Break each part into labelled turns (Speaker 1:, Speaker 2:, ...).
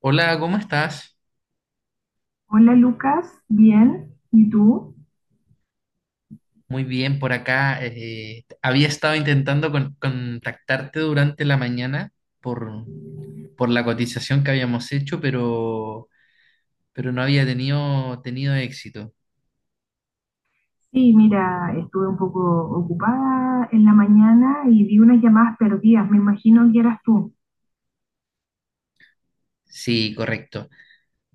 Speaker 1: Hola, ¿cómo estás?
Speaker 2: Hola Lucas, bien, ¿y tú?
Speaker 1: Muy bien, por acá. Había estado intentando contactarte durante la mañana por, por la cotización que habíamos hecho, pero no había tenido éxito.
Speaker 2: Sí, mira, estuve un poco ocupada en la mañana y vi unas llamadas perdidas, me imagino que eras tú.
Speaker 1: Sí, correcto.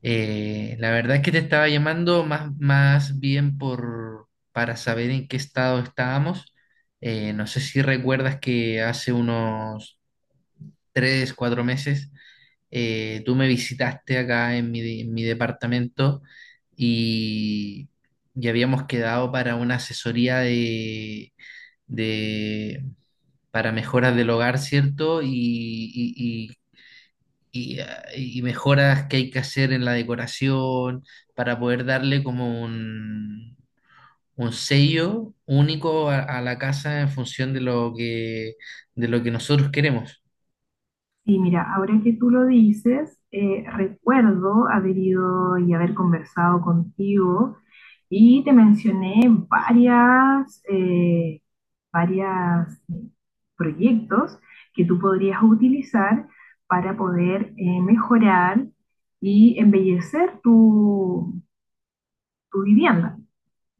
Speaker 1: La verdad es que te estaba llamando más bien para saber en qué estado estábamos. No sé si recuerdas que hace unos 3, 4 meses tú me visitaste acá en en mi departamento y ya habíamos quedado para una asesoría de- para mejoras del hogar, ¿cierto? Y- y- y mejoras que hay que hacer en la decoración para poder darle como un sello único a la casa en función de lo que nosotros queremos.
Speaker 2: Sí, mira, ahora que tú lo dices, recuerdo haber ido y haber conversado contigo y te mencioné varias, eh, varias proyectos que tú podrías utilizar para poder mejorar y embellecer tu vivienda,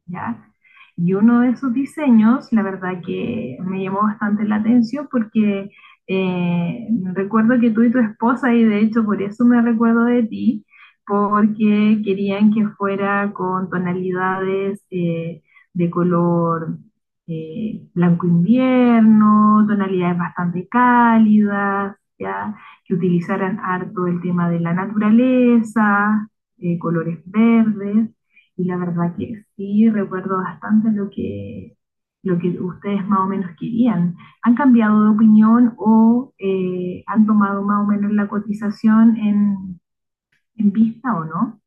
Speaker 2: ¿ya? Y uno de esos diseños, la verdad que me llamó bastante la atención porque eh, recuerdo que tú y tu esposa, y de hecho por eso me recuerdo de ti, porque querían que fuera con tonalidades de color blanco invierno, tonalidades bastante cálidas, ¿ya? Que utilizaran harto el tema de la naturaleza, colores verdes. Y la verdad que sí recuerdo bastante lo que ustedes más o menos querían. ¿Han cambiado de opinión o han tomado más o menos la cotización en vista o no?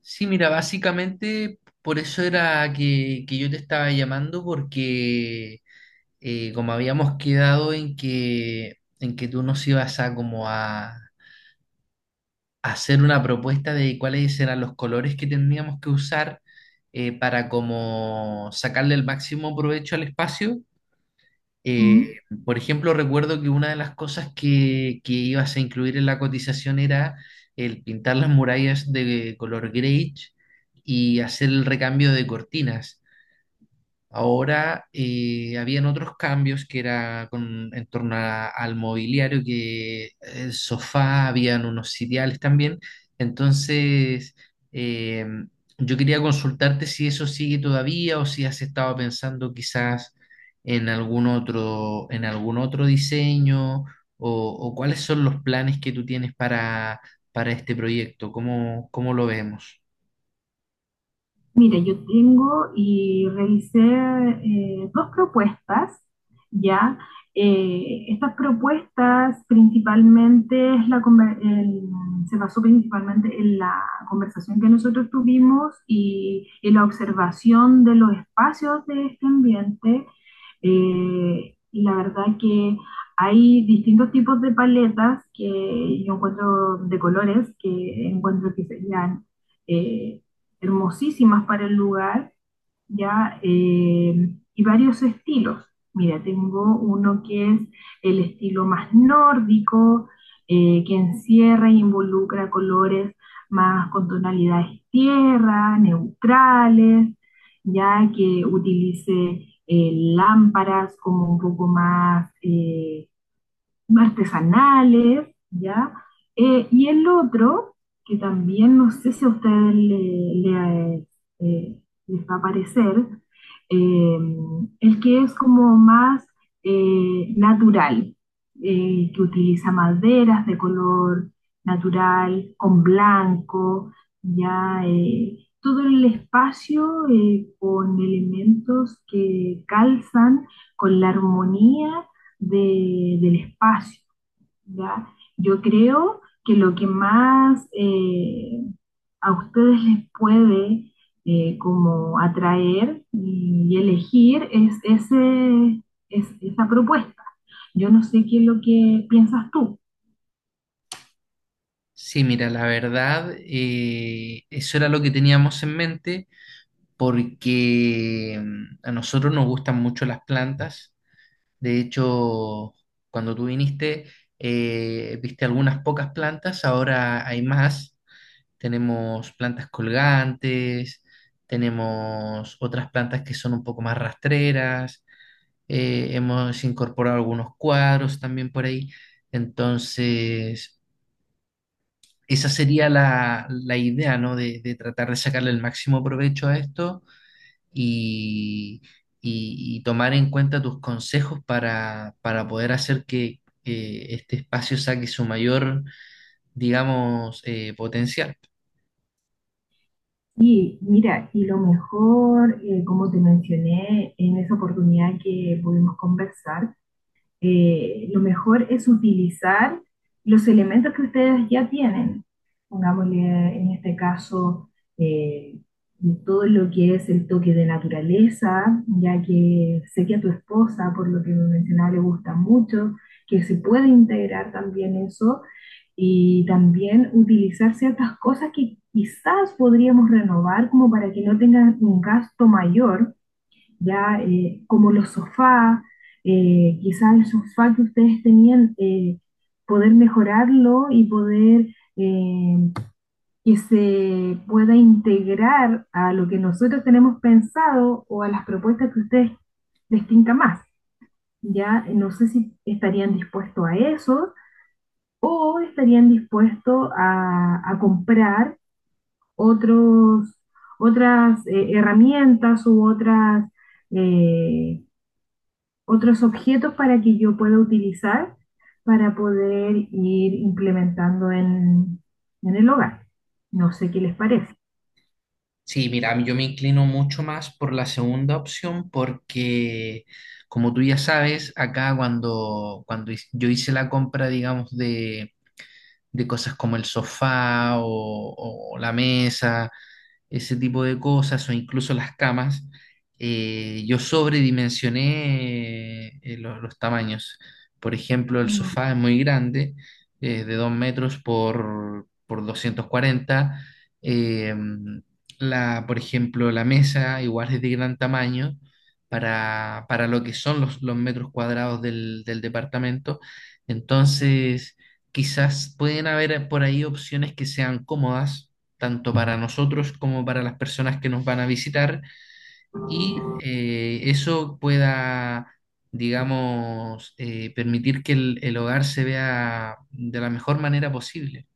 Speaker 1: Sí, mira, básicamente por eso era que yo te estaba llamando, porque como habíamos quedado en que tú nos ibas a como a hacer una propuesta de cuáles eran los colores que tendríamos que usar, para como sacarle el máximo provecho al espacio. eh,
Speaker 2: ¿Mm?
Speaker 1: por ejemplo, recuerdo que una de las cosas que ibas a incluir en la cotización era el pintar las murallas de color grey y hacer el recambio de cortinas. Ahora habían otros cambios que era en torno al mobiliario, que el sofá, habían unos sitiales también. Entonces, eh, yo quería consultarte si eso sigue todavía o si has estado pensando quizás en en algún otro diseño, o cuáles son los planes que tú tienes para este proyecto. Cómo lo vemos?
Speaker 2: Mire, yo tengo y revisé dos propuestas, ¿ya? Estas propuestas principalmente es la conver- el- se basó principalmente en la conversación que nosotros tuvimos y en la observación de los espacios de este ambiente. Y la verdad que hay distintos tipos de paletas que yo encuentro de colores que encuentro que serían eh, hermosísimas para el lugar, ¿ya? Y varios estilos. Mira, tengo uno que es el estilo más nórdico, que encierra e involucra colores más con tonalidades tierra, neutrales, ya que utilice lámparas como un poco más artesanales, ¿ya? Y el otro, que también no sé si a ustedes le, eh, les va a parecer, eh, el que es como más natural, que utiliza maderas de color natural, con blanco, ya todo el espacio con elementos que calzan con la armonía del espacio, ¿ya? Yo creo que lo que más a ustedes les puede como atraer y elegir es esa propuesta. Yo no sé qué es lo que piensas tú.
Speaker 1: Sí, mira, la verdad, eso era lo que teníamos en mente porque a nosotros nos gustan mucho las plantas. De hecho, cuando tú viniste, viste algunas pocas plantas, ahora hay más. Tenemos plantas colgantes, tenemos otras plantas que son un poco más rastreras. Hemos incorporado algunos cuadros también por ahí. Entonces esa sería la idea, ¿no? De tratar de sacarle el máximo provecho a esto y, y tomar en cuenta tus consejos para poder hacer que este espacio saque su mayor, digamos, potencial.
Speaker 2: Y mira, y lo mejor, como te mencioné en esa oportunidad que pudimos conversar, lo mejor es utilizar los elementos que ustedes ya tienen. Pongámosle en este caso eh, todo lo que es el toque de naturaleza, ya que sé que a tu esposa, por lo que me mencionaba, le gusta mucho, que se puede integrar también eso y también utilizar ciertas cosas que quizás podríamos renovar como para que no tengan un gasto mayor ya como los sofás, quizás el sofá que ustedes tenían, poder mejorarlo y poder eh, que se pueda integrar a lo que nosotros tenemos pensado o a las propuestas que ustedes les tinca más. Ya no sé si estarían dispuestos a eso o estarían dispuestos a comprar otros, otras herramientas u otras eh, otros objetos para que yo pueda utilizar para poder ir implementando en el hogar. No sé qué les parece.
Speaker 1: Sí, mira, yo me inclino mucho más por la segunda opción porque, como tú ya sabes, acá cuando yo hice la compra, digamos, de cosas como el sofá o la mesa, ese tipo de cosas o incluso las camas. Yo sobredimensioné, tamaños. Por ejemplo, el sofá es muy grande, de 2 metros por 240. Eh, por ejemplo, la mesa igual es de gran tamaño para lo que son los metros cuadrados del departamento. Entonces, quizás pueden haber por ahí opciones que sean cómodas tanto para nosotros como para las personas que nos van a visitar y eso pueda, digamos, permitir que el hogar se vea de la mejor manera posible.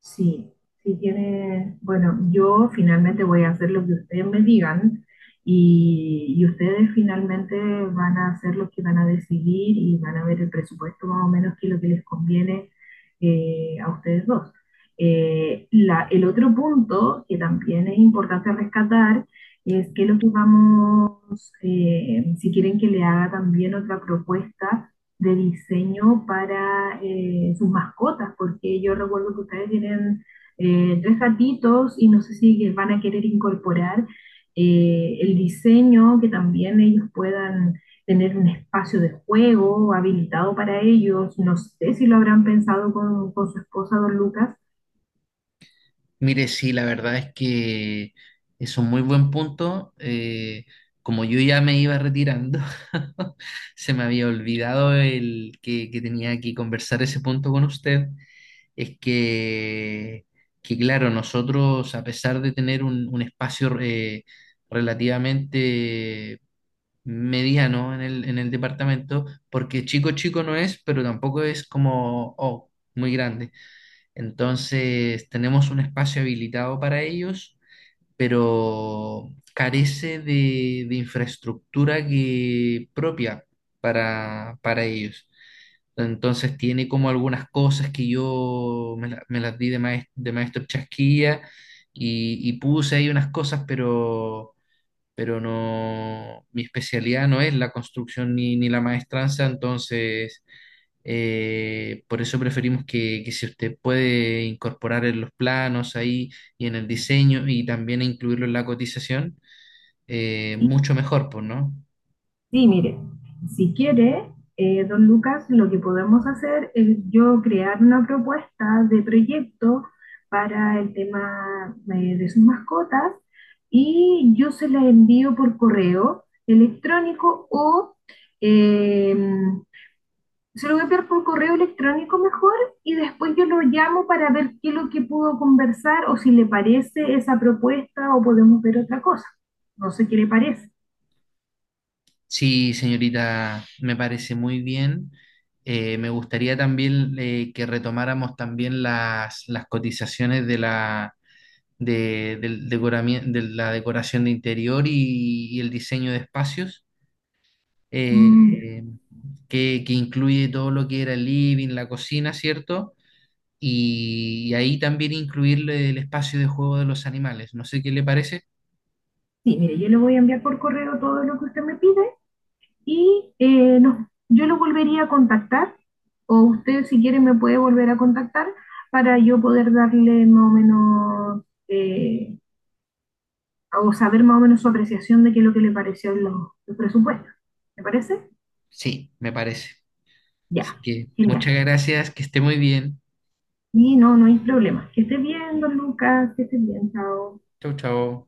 Speaker 2: Sí, sí tiene, bueno, yo finalmente voy a hacer lo que ustedes me digan y ustedes finalmente van a hacer lo que van a decidir y van a ver el presupuesto más o menos que lo que les conviene a ustedes dos. El otro punto que también es importante rescatar es que lo que vamos, si quieren que le haga también otra propuesta, de diseño para sus mascotas, porque yo recuerdo que ustedes tienen tres gatitos y no sé si van a querer incorporar el diseño, que también ellos puedan tener un espacio de juego habilitado para ellos. No sé si lo habrán pensado con su esposa, don Lucas.
Speaker 1: Mire, sí, la verdad es que es un muy buen punto. Como yo ya me iba retirando, se me había olvidado que tenía que conversar ese punto con usted. Es que, claro, nosotros, a pesar de tener un espacio, relativamente mediano en en el departamento, porque chico chico no es, pero tampoco es como muy grande. Entonces, tenemos un espacio habilitado para ellos, pero carece de infraestructura que, propia para ellos. Entonces tiene como algunas cosas que me las di de maestro Chasquilla y puse ahí unas cosas, pero no, mi especialidad no es la construcción ni la maestranza. Entonces, por eso preferimos que si usted puede incorporar en los planos ahí y en el diseño y también incluirlo en la cotización,
Speaker 2: ¿Sí?
Speaker 1: mucho mejor, pues, ¿no?
Speaker 2: Sí, mire, si quiere, don Lucas, lo que podemos hacer es yo crear una propuesta de proyecto para el tema de sus mascotas y yo se la envío por correo electrónico o eh, se lo voy a enviar por correo electrónico mejor y después yo lo llamo para ver qué es lo que pudo conversar o si le parece esa propuesta o podemos ver otra cosa. No sé qué le parece.
Speaker 1: Sí, señorita, me parece muy bien. Me gustaría también, que retomáramos también las cotizaciones de la decoración de interior y el diseño de espacios,
Speaker 2: Mm.
Speaker 1: eh, que incluye todo lo que era el living, la cocina, ¿cierto? Y ahí también incluirle el espacio de juego de los animales. No sé qué le parece.
Speaker 2: Sí, mire, yo le voy a enviar por correo todo lo que usted me pide y yo lo volvería a contactar o usted si quiere me puede volver a contactar para yo poder darle más o menos o saber más o menos su apreciación de qué es lo que le pareció los presupuestos. ¿Me parece?
Speaker 1: Sí, me parece.
Speaker 2: Ya,
Speaker 1: Así que
Speaker 2: genial.
Speaker 1: muchas gracias, que esté muy bien.
Speaker 2: Y no, no hay problema. Que esté bien, don Lucas, que esté bien, chao.
Speaker 1: Chau, chau.